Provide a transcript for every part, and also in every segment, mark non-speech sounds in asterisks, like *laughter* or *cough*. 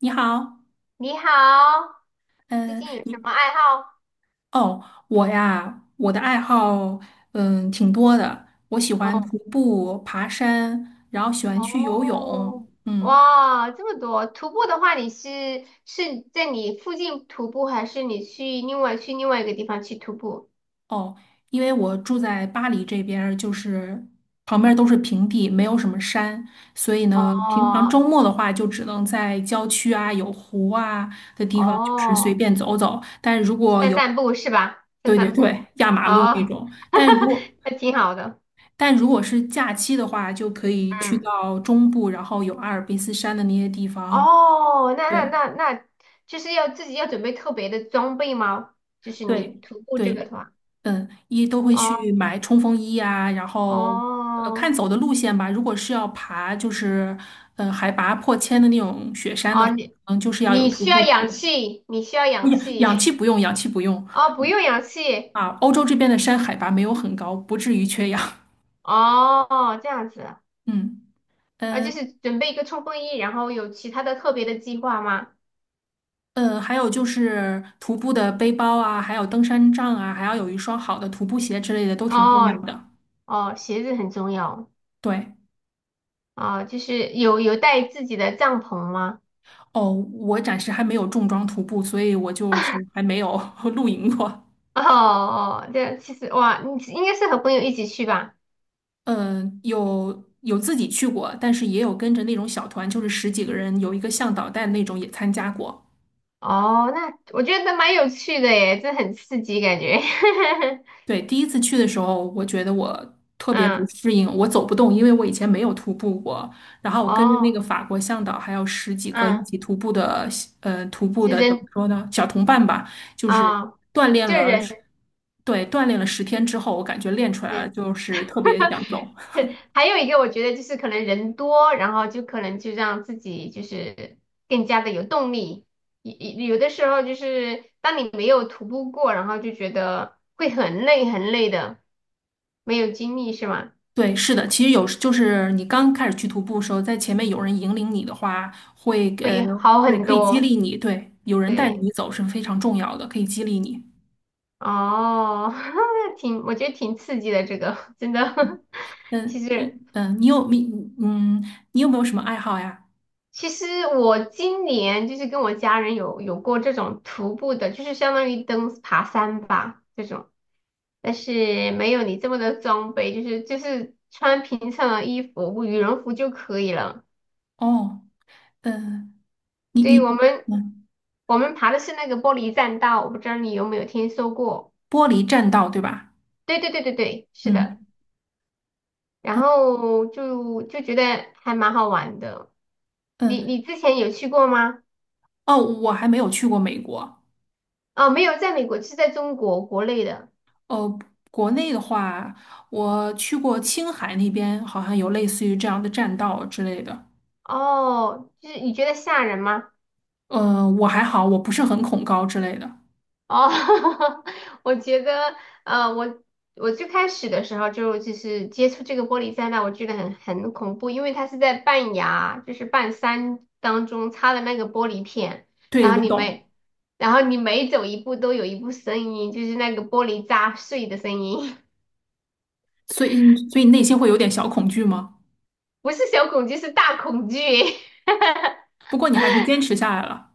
你好，你好，最嗯，近有什么爱好？哦，我呀，我的爱好挺多的，我喜欢徒哦。步、爬山，然后喜欢去游泳，哦。哇，这么多！徒步的话，你是在你附近徒步，还是你去另外一个地方去徒步？哦，因为我住在巴黎这边儿就是旁边儿都是平地，没有什么山，所以呢，平常周哦末的话就只能在郊区啊、有湖啊的地方，就是随哦，便走走，但如果在有散步是吧？在对对散步。对，压马路那哦。种。但如 *laughs* 果那挺好的。是假期的话，就可以去嗯。到中部，然后有阿尔卑斯山的那些地方。哦。那那对那那，就是要自己要准备特别的装备吗？就是你对徒步这个的对，话。一都会去哦买冲锋衣啊，然后看哦。走的路线吧。如果是要爬，就是海拔破千的那种雪山的哦，话，你就是要有你徒需要步氧机气，你需要不氧氧氧气气。不用，氧气不用 *laughs* 哦，不用氧气。啊。欧洲这边的山海拔没有很高，不至于缺氧。哦，这样子。*laughs* 嗯。啊，就嗯是准备一个冲锋衣，然后有其他的特别的计划吗？还有就是徒步的背包啊，还有登山杖啊，还要有一双好的徒步鞋之类的，都挺重要哦的。哦，鞋子很重要。对，哦，就是有带自己的帐篷吗？哦，我暂时还没有重装徒步，所以我就是还没有 *laughs* 露营过。哦哦，这其实哇，你应该是和朋友一起去吧？嗯、有自己去过，但是也有跟着那种小团，就是十几个人，有一个向导带的那种也参加过。哦，那我觉得蛮有趣的耶，这很刺激感觉。*laughs* 对，第一次去的时候，我觉得我特别不嗯。适应，我走不动，因为我以前没有徒步过。然后我跟着那个哦。法国向导，还有十几个一嗯。起徒步的，徒步就的怎么人说呢，小同伴吧，就是啊，锻炼就了，人。对，锻炼了10天之后，我感觉练出来了，就是特别想走。*laughs* 还有一个我觉得就是可能人多，然后就可能就让自己就是更加的有动力。有有的时候就是当你没有徒步过，然后就觉得会很累很累的，没有精力是吗？对，是的，其实有时就是你刚开始去徒步的时候，在前面有人引领你的话，会呃，会好对，很可以激多。励你，对，有人带着对。你走是非常重要的，可以激励你。哦。*laughs* 我觉得挺刺激的这个 *laughs*，真的。*laughs* 其嗯，你实。嗯，你有你嗯，你有没有什么爱好呀？其实我今年就是跟我家人有过这种徒步的，就是相当于登爬山吧这种，但是没有你这么的装备，就是穿平常的衣服，羽绒服就可以了。哦，嗯，你对于你我们嗯，我们爬的是那个玻璃栈道，我不知道你有没有听说过？玻璃栈道对吧？对对对对对，是的。嗯然嗯后就觉得还蛮好玩的。你嗯，你之前有去过吗？哦，我还没有去过美国。哦，没有，在美国，是在中国国内的。哦，国内的话，我去过青海那边，好像有类似于这样的栈道之类的。哦，就是你觉得吓人吗？我还好，我不是很恐高之类的。哦。*laughs* 我觉得，呃，我我最开始的时候就是接触这个玻璃灾难，我觉得很恐怖，因为它是在半崖，就是半山当中插的那个玻璃片，对，然后我你懂。每然后你每走一步都有一步声音，就是那个玻璃砸碎的声音。所以内心会有点小恐惧吗？*laughs* 不是小恐惧，是大恐惧。*laughs* 不过你还是坚持下来了。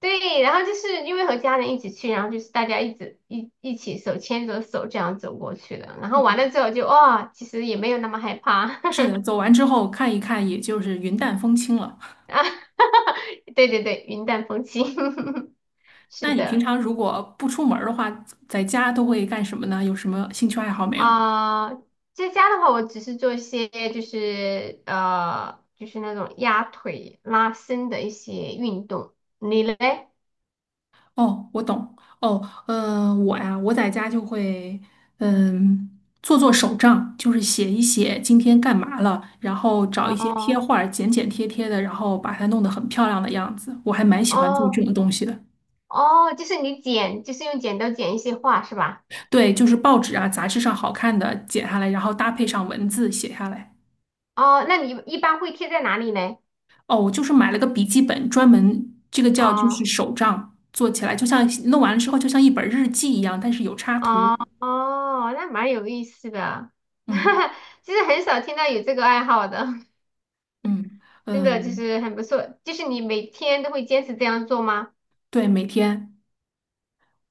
对，然后就是因为和家人一起去，然后就是大家一直一起手牵着手这样走过去的，然后完嗯，了之后就哦，其实也没有那么害怕。 是的，走完之后看一看，也就是云淡风轻了。*laughs* 啊，对对对，云淡风轻。*laughs* 那是你平的。常如果不出门儿的话，在家都会干什么呢？有什么兴趣爱好没有？啊、在家的话，我只是做一些就是那种压腿拉伸的一些运动。你嘞？哦，我懂。哦，我呀，我在家就会，嗯，做做手账，就是写一写今天干嘛了，然后找一些贴哦画儿，剪剪贴贴的，然后把它弄得很漂亮的样子。我还蛮喜欢做这哦种东西的。哦，就是你剪，就是用剪刀剪一些画是吧？对，就是报纸啊、杂志上好看的剪下来，然后搭配上文字写下来。哦，那你一般会贴在哪里呢？哦，我就是买了个笔记本，专门这个叫就是哦手账，做起来就像弄完了之后就像一本日记一样，但是有插图。哦哦，那蛮有意思的。嗯 *laughs* 其实很少听到有这个爱好的，嗯真的就嗯，是很不错。就是你每天都会坚持这样做吗？对，每天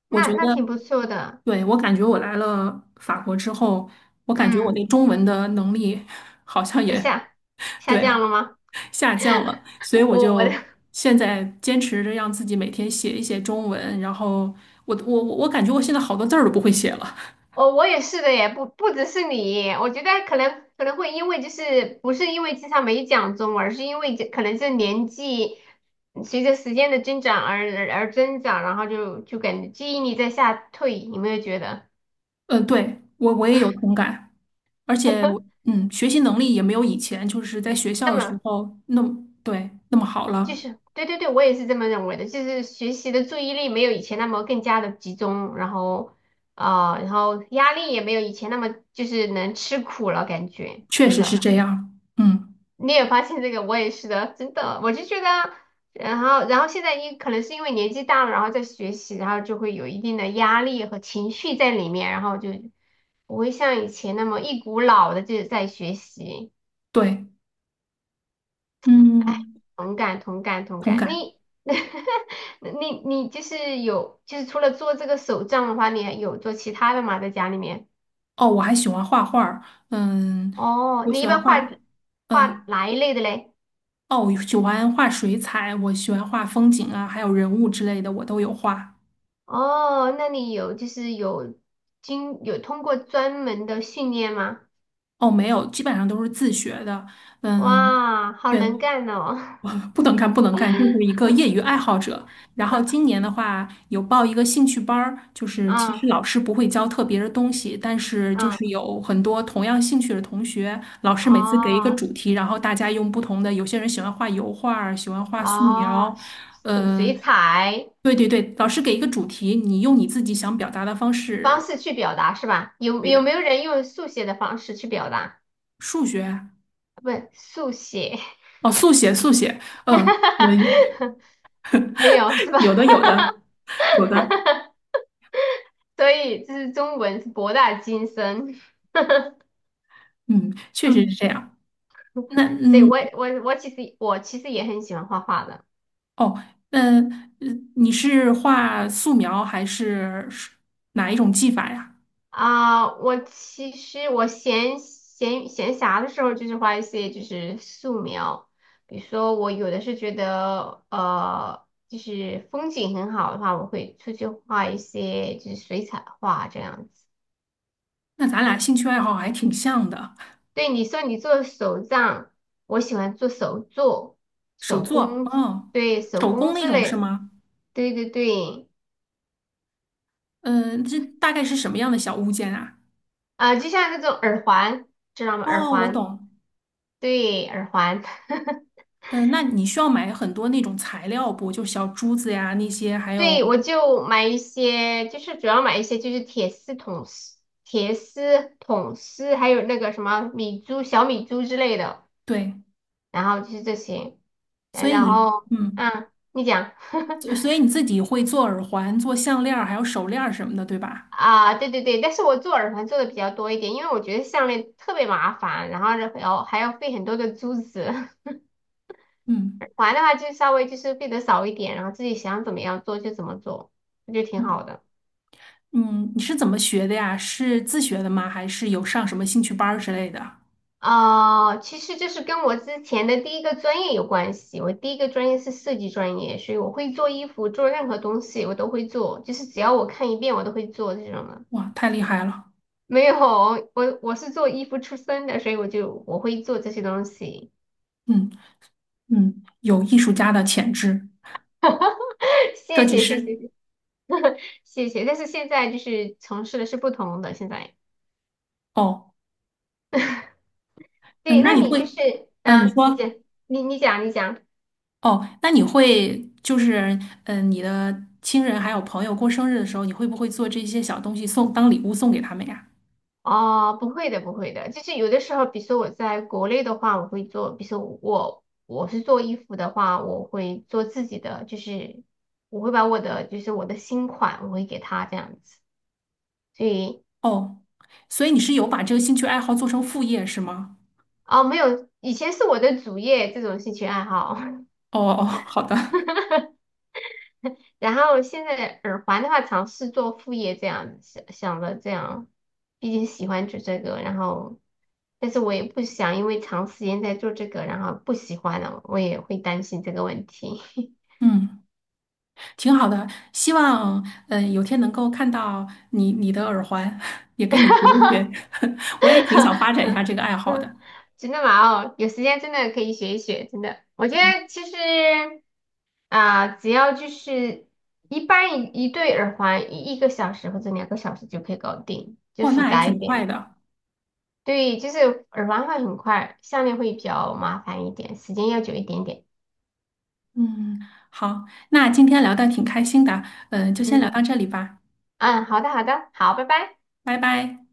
我觉那得，那挺不错的。对，我感觉我来了法国之后，我感觉我那嗯，中文的能力 *laughs* 好像在也，下下降对，了吗？下降了，所以 *laughs* 我我我的就现在坚持着让自己每天写一写中文，然后我感觉我现在好多字儿都不会写了。我也是的耶，不只是你，我觉得可能会因为就是不是因为经常没讲中，而是因为这可能是年纪随着时间的增长而增长，然后就感觉记忆力在下退，有没有觉得？嗯，对，我也有同感。而且我学习能力也没有以前就是在学校那的时么候那么，对，那么好就了，是对对对，我也是这么认为的，就是学习的注意力没有以前那么更加的集中，然后然后压力也没有以前那么就是能吃苦了，感觉确真实是的，这样。嗯，你也发现这个，我也是的，真的，我就觉得，然后现在可能是因为年纪大了，然后在学习，然后就会有一定的压力和情绪在里面，然后就不会像以前那么一股脑的就是在学习。对，哎，嗯，同感同感同同感。感。你 *laughs* 你就是有，就是除了做这个手账的话，你还有做其他的吗？在家里面？哦，我还喜欢画画儿嗯，哦，我你喜一欢般画画，画嗯，哪一类的嘞？哦，我喜欢画水彩，我喜欢画风景啊，还有人物之类的，我都有画。哦，那你就是有通过专门的训练吗？哦，没有，基本上都是自学的。嗯，哇，好能对，干哦！*laughs* 不能干，不能干，就是一个业余 *laughs* 爱好者。然后今年的话，有报一个兴趣班儿，就是其啊实老师不会教特别的东西，但是就啊。是有很多同样兴趣的同学，老师每次给一个哦主题，然后大家用不同的，有些人喜欢画油画儿，喜欢画素哦。描，水嗯、水彩对对对，老师给一个主题，你用你自己想表达的方方式，式去表达是吧？有对有的，没有人用速写的方式去表达？数学，不是速写。哦，速写，速写，嗯、嗯，*laughs* 没有是 *laughs* 吧？有的，有的，有的。*laughs* 所以这是中文是博大精深。嗯，*laughs* 确实是嗯，这样。那所以我我我其实我其实也很喜欢画画的。哦，那呃你是画素描还是哪一种技法呀？我其实我闲暇的时候就是画一些就是素描，比如说我有的是觉得就是风景很好的话，我会出去画一些就是水彩画这样子。那咱俩兴趣爱好还挺像的，对，你说你做手账，我喜欢做手作、手手作，工。哦，对，手手工工那之种是类。吗？对对对。嗯、这大概是什么样的小物件啊？就像那种耳环，知道吗？耳哦，我环。懂。对，耳环。*laughs* 嗯、那你需要买很多那种材料不？就小珠子呀那些，还有对，我就买一些，就是主要买一些就是铁丝桶丝，还有那个什么米珠、小米珠之类的，对，然后就是这些。所以然你后，嗯，嗯，你讲。所 *laughs* 所以你自己会做耳环、做项链儿还有手链儿什么的，对吧？啊，对对对，但是我做耳环做的比较多一点，因为我觉得项链特别麻烦，然后还要费很多的珠子。*laughs* 耳嗯环的话就稍微就是费的少一点，然后自己想怎么样做就怎么做，我觉得挺好嗯。的。嗯，你是怎么学的呀？是自学的吗？还是有上什么兴趣班儿之类的？哦、其实就是跟我之前的第一个专业有关系，我第一个专业是设计专业，所以我会做衣服，做任何东西我都会做，就是只要我看一遍我都会做这种的。哇，太厉害了！没有，我是做衣服出身的，所以我会做这些东西。嗯嗯，有艺术家的潜质，*laughs* 设谢计谢谢师。谢谢谢。但是现在就是从事的是不同的。现在哦，嗯，对，那那你你就会，是啊，你你说，讲。你讲，你讲。哦，那你会就是，你的亲人还有朋友过生日的时候，你会不会做这些小东西送当礼物送给他们呀？哦，不会的，不会的，就是有的时候，比如说我在国内的话，我会做，比如说我是做衣服的话，我会做自己的，就是我会把我的就是我的新款，我会给他这样子。所以哦，所以你是有把这个兴趣爱好做成副业是吗？哦，没有，以前是我的主业这种兴趣爱好。哦哦，好的，然后现在耳环的话，尝试做副业这样，想着这样，毕竟喜欢做这个，然后，但是我也不想因为长时间在做这个，然后不喜欢了，我也会担心这个问题。*laughs* 嗯。挺好的，希望有天能够看到你的耳环，*laughs* 也跟你学一学。*laughs* 我也挺想发展一下这个爱好嗯，的。真的吗？哦，有时间真的可以学一学，真的，我觉得其实只要就是一般一对耳环一个小时或者2个小时就可以搞定，就哇，复那还杂一挺点快的。的。对，就是耳环会很快，项链会比较麻烦一点，时间要久一点点。嗯，好，那今天聊的挺开心的，就先聊嗯到这里吧，嗯，好的好的，好，拜拜。拜拜。